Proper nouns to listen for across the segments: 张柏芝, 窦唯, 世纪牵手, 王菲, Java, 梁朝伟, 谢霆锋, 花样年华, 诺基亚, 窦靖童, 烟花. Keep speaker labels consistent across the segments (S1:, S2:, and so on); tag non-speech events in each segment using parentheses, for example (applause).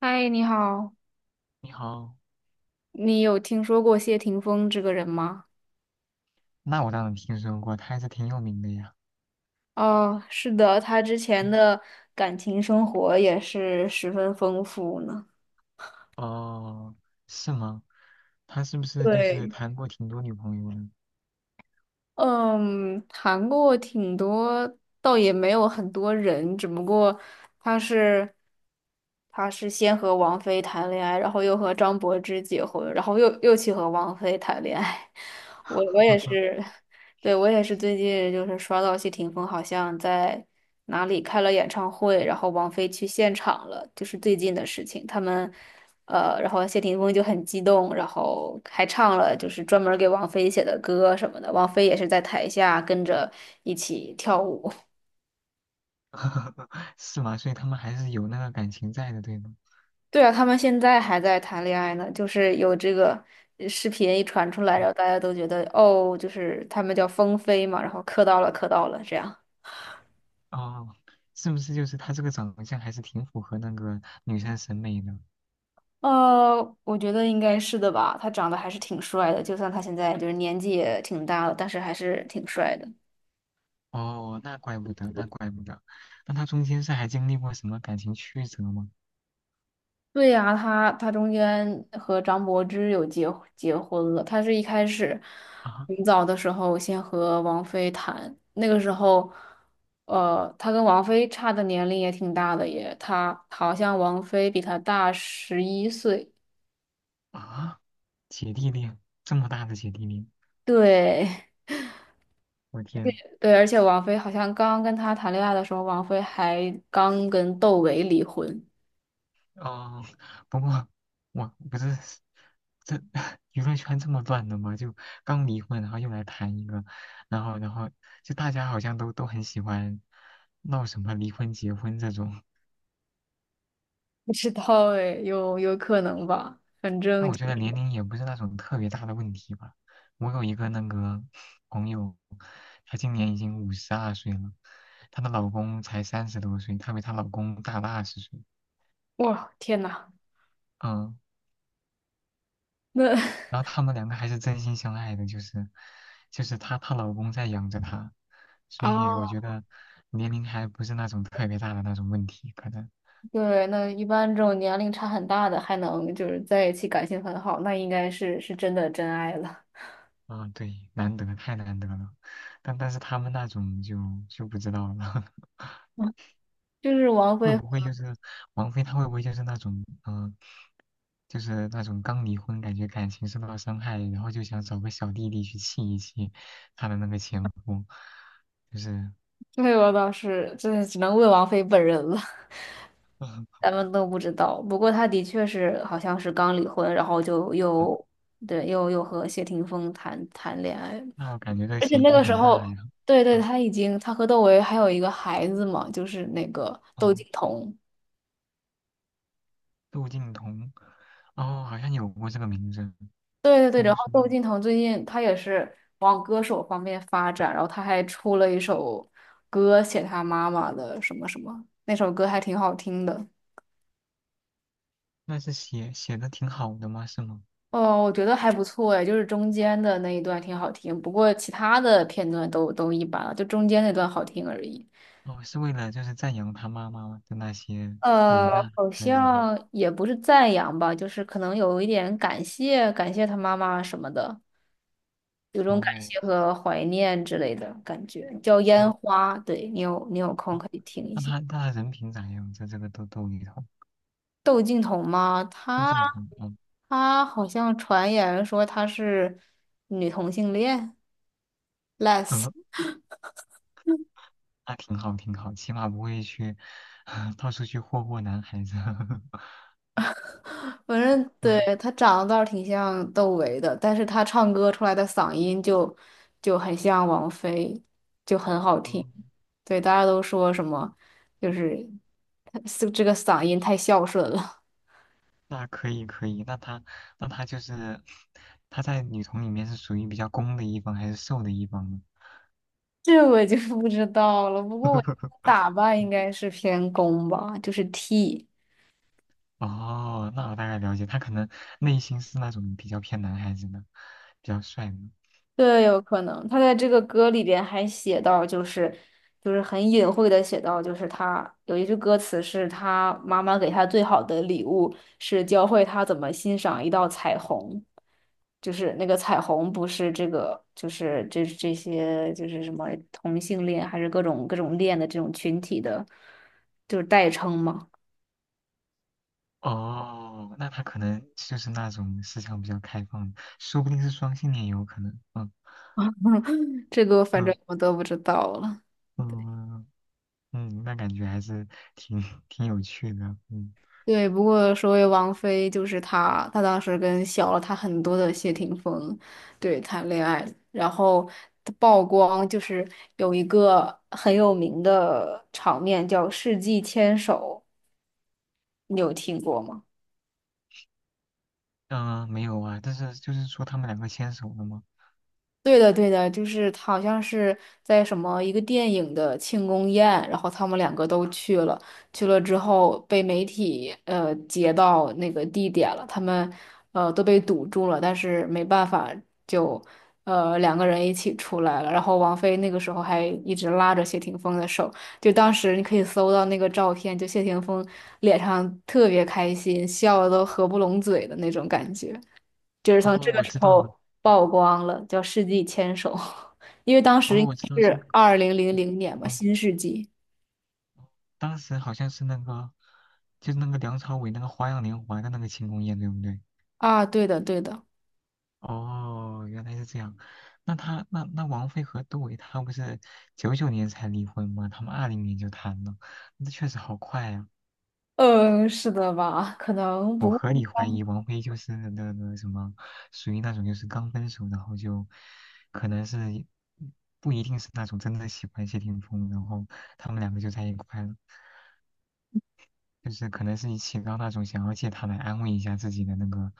S1: 嗨，你好，
S2: 你好，
S1: 你有听说过谢霆锋这个人吗？
S2: 那我当然听说过，他还是挺有名的呀。
S1: 哦，是的，他之
S2: 嗯，
S1: 前的感情生活也是十分丰富呢。
S2: 哦，是吗？他是不是就是
S1: 对，
S2: 谈过挺多女朋友呢？
S1: 嗯，谈过挺多，倒也没有很多人，只不过他是他是先和王菲谈恋爱，然后又和张柏芝结婚，然后又去和王菲谈恋爱。(laughs) 我也是，对，我也是最近就是刷到谢霆锋好像在哪里开了演唱会，然后王菲去现场了，就是最近的事情。他们然后谢霆锋就很激动，然后还唱了就是专门给王菲写的歌什么的，王菲也是在台下跟着一起跳舞。
S2: (laughs) 是吗？所以他们还是有那个感情在的，对吗？
S1: (laughs) 对啊，他们现在还在谈恋爱呢，就是有这个视频一传出来，然
S2: 嗯，
S1: 后大家都觉得哦，就是他们叫风飞嘛，然后磕到了，磕到了这样。
S2: 哦，是不是就是他这个长相还是挺符合那个女生审美的？
S1: 我觉得应该是的吧，他长得还是挺帅的，就算他现在就是年纪也挺大了，但是还是挺帅的。
S2: 哦，那怪不得，那怪不得。那他中间是还经历过什么感情曲折吗？
S1: 对呀、他中间和张柏芝有结婚了。他是一开始
S2: 啊
S1: 很早的时候先和王菲谈，那个时候，他跟王菲差的年龄也挺大的耶，他好像王菲比他大11岁。
S2: 啊，姐弟恋，这么大的姐弟恋，
S1: 对
S2: 我天！
S1: (laughs) 对，而且王菲好像刚跟他谈恋爱的时候，王菲还刚跟窦唯离婚。
S2: 哦，不过我不是这 (laughs) 娱乐圈这么乱的吗？就刚离婚，然后又来谈一个，然后就大家好像都很喜欢闹什么离婚、结婚这种。
S1: 不知道哎，有可能吧，反
S2: 但
S1: 正
S2: 我
S1: 就
S2: 觉得年
S1: 是
S2: 龄也不是那种特别大的问题吧。我有一个那个朋友，她今年已经52岁了，她的老公才30多岁，她比她老公大了20岁。
S1: 哇，天呐，
S2: 嗯，
S1: 那
S2: 然
S1: (laughs)
S2: 后他们两个还是真心相爱的，就是她老公在养着她，所以我
S1: 啊。
S2: 觉得年龄还不是那种特别大的那种问题，可能
S1: 对，那一般这种年龄差很大的还能就是在一起感情很好，那应该是是真的真爱了。
S2: 啊，对，难得太难得了，但是他们那种就不知道了，(laughs)
S1: 就是王
S2: 会
S1: 菲，
S2: 不会就是王菲她会不会就是那种就是那种刚离婚感觉感情受到伤害，然后就想找个小弟弟去气一气她的那个前夫，就是
S1: 对，我倒是真的只能问王菲本人了，(laughs)
S2: (laughs)
S1: 咱们都不知道。不过她的确是好像是刚离婚，然后就
S2: 嗯
S1: 又对又和谢霆锋谈恋爱，
S2: 那我感觉这个
S1: 而且
S2: 嫌
S1: 那
S2: 疑
S1: 个时
S2: 很大
S1: 候，
S2: 呀。
S1: 对对，
S2: 嗯。
S1: 她已经她和窦唯还有一个孩子嘛，就是那个窦
S2: 哦，
S1: 靖童。
S2: 窦靖童，哦，好像有过这个名字，
S1: 对对对，然
S2: 听
S1: 后
S2: 说。
S1: 窦靖童最近他也是往歌手方面发展，然后他还出了一首歌写他妈妈的什么什么，那首歌还挺好听的。
S2: 那是写的挺好的吗？是吗？
S1: 哦，我觉得还不错哎，就是中间的那一段挺好听，不过其他的片段都一般了，就中间那段好听而已。
S2: 哦，是为了就是赞扬他妈妈的那些伟大
S1: 好
S2: 还是什么？
S1: 像也不是赞扬吧，就是可能有一点感谢感谢他妈妈什么的。有种感谢
S2: 哦
S1: 和怀念之类的感觉，叫《烟
S2: 哦
S1: 花》。对，你有空
S2: 哦，
S1: 可以听一
S2: 那
S1: 下。
S2: 他那他人品咋样？在这个窦靖童，
S1: 窦靖童吗？
S2: 窦
S1: 她
S2: 靖童，哦，
S1: 她好像传言说她是女同性恋，les。
S2: 呃，
S1: s
S2: 那挺好挺好，起码不会去 (laughs) 到处去霍霍男孩子。(laughs)
S1: 反正对
S2: 嗯，
S1: 她长得倒是挺像窦唯的，但是她唱歌出来的嗓音就很像王菲，就很好
S2: 哦
S1: 听。对，大家都说什么，就是他这个嗓音太孝顺了。
S2: 那可以可以，那他就是他在女同里面是属于比较攻的一方还是受的一方呢？
S1: 这我就 (laughs) 不知道了。不过我
S2: (laughs)
S1: 打扮应该是偏攻吧，就是 T，
S2: 哦，那我大概了解，他可能内心是那种比较偏男孩子的，比较帅的。
S1: 对，有可能。他在这个歌里边还写到，就是很隐晦的写到，就是他有一句歌词是他妈妈给他最好的礼物是教会他怎么欣赏一道彩虹，就是那个彩虹不是这个，就是这些就是什么同性恋还是各种恋的这种群体的，就是代称嘛。
S2: 哦，那他可能就是那种思想比较开放的，说不定是双性恋也有可能。嗯
S1: 这个反
S2: 嗯
S1: 正我都不知道了。
S2: 嗯嗯，那感觉还是挺挺有趣的。嗯
S1: 对，不过说回王菲，就是她，她当时跟小了她很多的谢霆锋，对，谈恋爱，然后她曝光就是有一个很有名的场面叫世纪牵手，你有听过吗？
S2: 嗯、没有啊，但是就是说他们两个牵手了吗？
S1: 对的，对的，就是他好像是在什么一个电影的庆功宴，然后他们两个都去了，去了之后被媒体截到那个地点了，他们都被堵住了，但是没办法就两个人一起出来了，然后王菲那个时候还一直拉着谢霆锋的手，就当时你可以搜到那个照片，就谢霆锋脸上特别开心，笑的都合不拢嘴的那种感觉。就是从
S2: 哦，
S1: 这个
S2: 我
S1: 时
S2: 知道了。
S1: 候曝光了，叫《世纪牵手》，(laughs) 因为当时
S2: 哦，
S1: 应
S2: 我知道
S1: 该
S2: 是
S1: 是2000年嘛，
S2: 哦，
S1: 新世纪
S2: 当时好像是那个，就是那个梁朝伟那个《花样年华》的那个庆功宴，对不对？
S1: 啊，对的，对的，
S2: 哦，原来是这样。那他王菲和杜伟他不是99年才离婚吗？他们20年就谈了，那确实好快啊！
S1: 嗯，是的吧？可能
S2: 我
S1: 不，
S2: 合理怀疑王菲就是那个什么，属于那种就是刚分手，然后就可能是不一定是那种真的喜欢谢霆锋，然后他们两个就在一块了。就是可能是你起到那种想要借他来安慰一下自己的那个、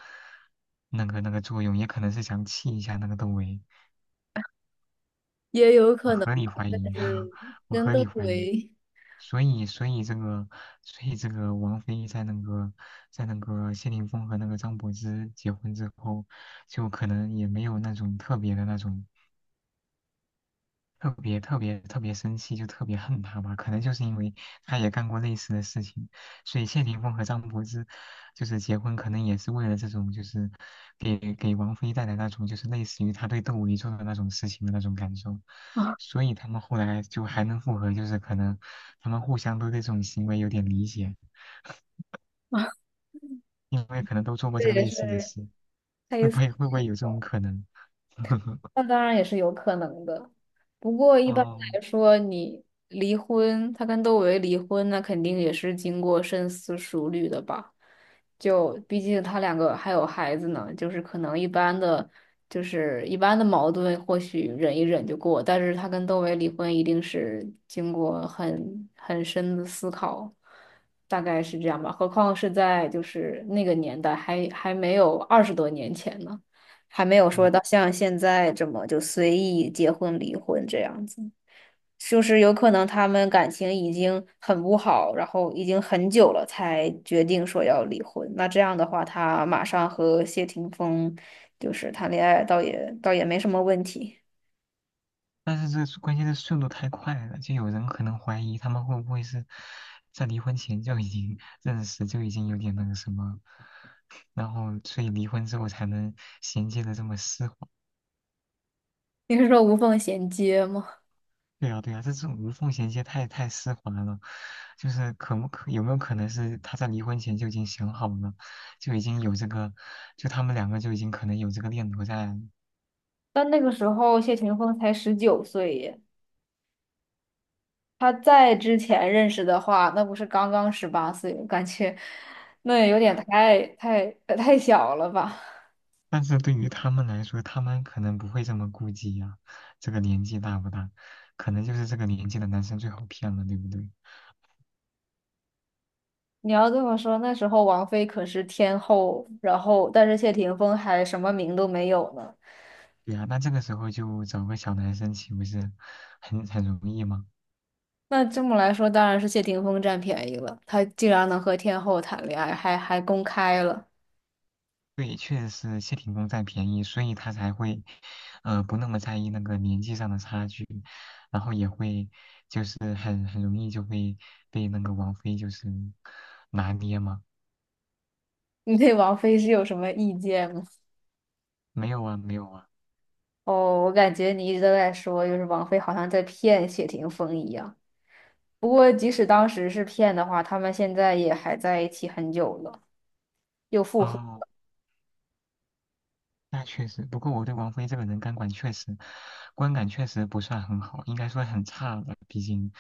S2: 那个、那个作用，也可能是想气一下那个窦唯。
S1: 也有
S2: 我
S1: 可能
S2: 合理
S1: 吧，
S2: 怀
S1: 但
S2: 疑，(laughs)
S1: 是
S2: 我
S1: 真
S2: 合
S1: 的
S2: 理怀疑。
S1: 为
S2: 所以，所以这个，所以这个王菲在那个，在那个谢霆锋和那个张柏芝结婚之后，就可能也没有那种特别的那种特别特别特别生气，就特别恨他吧。可能就是因为他也干过类似的事情，所以谢霆锋和张柏芝就是结婚，可能也是为了这种，就是给王菲带来那种，就是类似于他对窦唯做的那种事情的那种感受。
S1: (laughs)
S2: 所以他们后来就还能复合，就是可能他们互相都对这种行为有点理解，
S1: 啊，
S2: 因为可能都做过
S1: 这
S2: 这个
S1: 也
S2: 类似的
S1: 是。
S2: 事。会不会有这种可能？(laughs)
S1: 那当然也是有可能的，不过一般
S2: 哦，
S1: 来说，你离婚，他跟窦唯离婚，那肯定也是经过深思熟虑的吧？就毕竟他两个还有孩子呢，就是可能一般的，就是一般的矛盾，或许忍一忍就过，但是他跟窦唯离婚，一定是经过很深的思考，大概是这样吧。何况是在就是那个年代还没有20多年前呢。还没有说到像现在这么就随意结婚离婚这样子，就是有可能他们感情已经很不好，然后已经很久了才决定说要离婚。那这样的话，他马上和谢霆锋就是谈恋爱，倒也没什么问题。
S2: 但是这关键是速度太快了，就有人可能怀疑他们会不会是在离婚前就已经认识，就已经有点那个什么，然后所以离婚之后才能衔接的这么丝滑。
S1: (laughs) 你是说无缝衔接吗？
S2: 对啊，对啊，这种无缝衔接太丝滑了，就是可不可有没有可能是他在离婚前就已经想好了，就已经有这个，就他们两个就已经可能有这个念头在。
S1: 但那个时候谢霆锋才19岁耶，他在之前认识的话，那不是刚刚18岁，感觉 (laughs) 那也有点太小了吧。
S2: 但是对于他们来说，他们可能不会这么顾忌呀、这个年纪大不大？可能就是这个年纪的男生最好骗了，对不对？
S1: 你要这么说，那时候王菲可是天后，然后但是谢霆锋还什么名都没有呢。
S2: 对呀、那这个时候就找个小男生，岂不是很容易吗？
S1: 那这么来说，当然是谢霆锋占便宜了，他竟然能和天后谈恋爱，还公开了。
S2: 对，确实是谢霆锋占便宜，所以他才会，不那么在意那个年纪上的差距，然后也会就是很容易就会被那个王菲就是拿捏嘛。
S1: 你对王菲是有什么意见吗？
S2: 没有啊，没有啊。
S1: 哦，我感觉你一直都在说，就是王菲好像在骗谢霆锋一样。不过即使当时是骗的话，他们现在也还在一起很久了，又复合。
S2: 哦，那确实，不过我对王菲这个人感管确实，观感确实不算很好，应该说很差了。毕竟，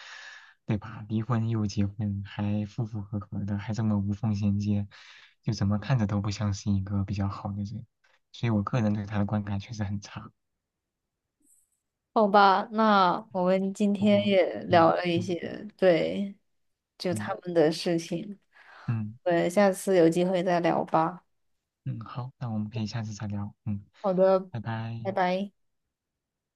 S2: 对吧？离婚又结婚，还夫妇和和的，还这么无缝衔接，就怎么看着都不像是一个比较好的人。所以我个人对她的观感确实很差。
S1: 好吧，那我们今
S2: 不
S1: 天
S2: 过，
S1: 也聊
S2: 嗯
S1: 了一
S2: 嗯
S1: 些，对，就
S2: 嗯
S1: 他们的事情。
S2: 嗯
S1: 对，下次有机会再聊吧。
S2: 嗯，好，那我们可以下次再聊。嗯，
S1: 好的，
S2: 拜
S1: 拜
S2: 拜。
S1: 拜。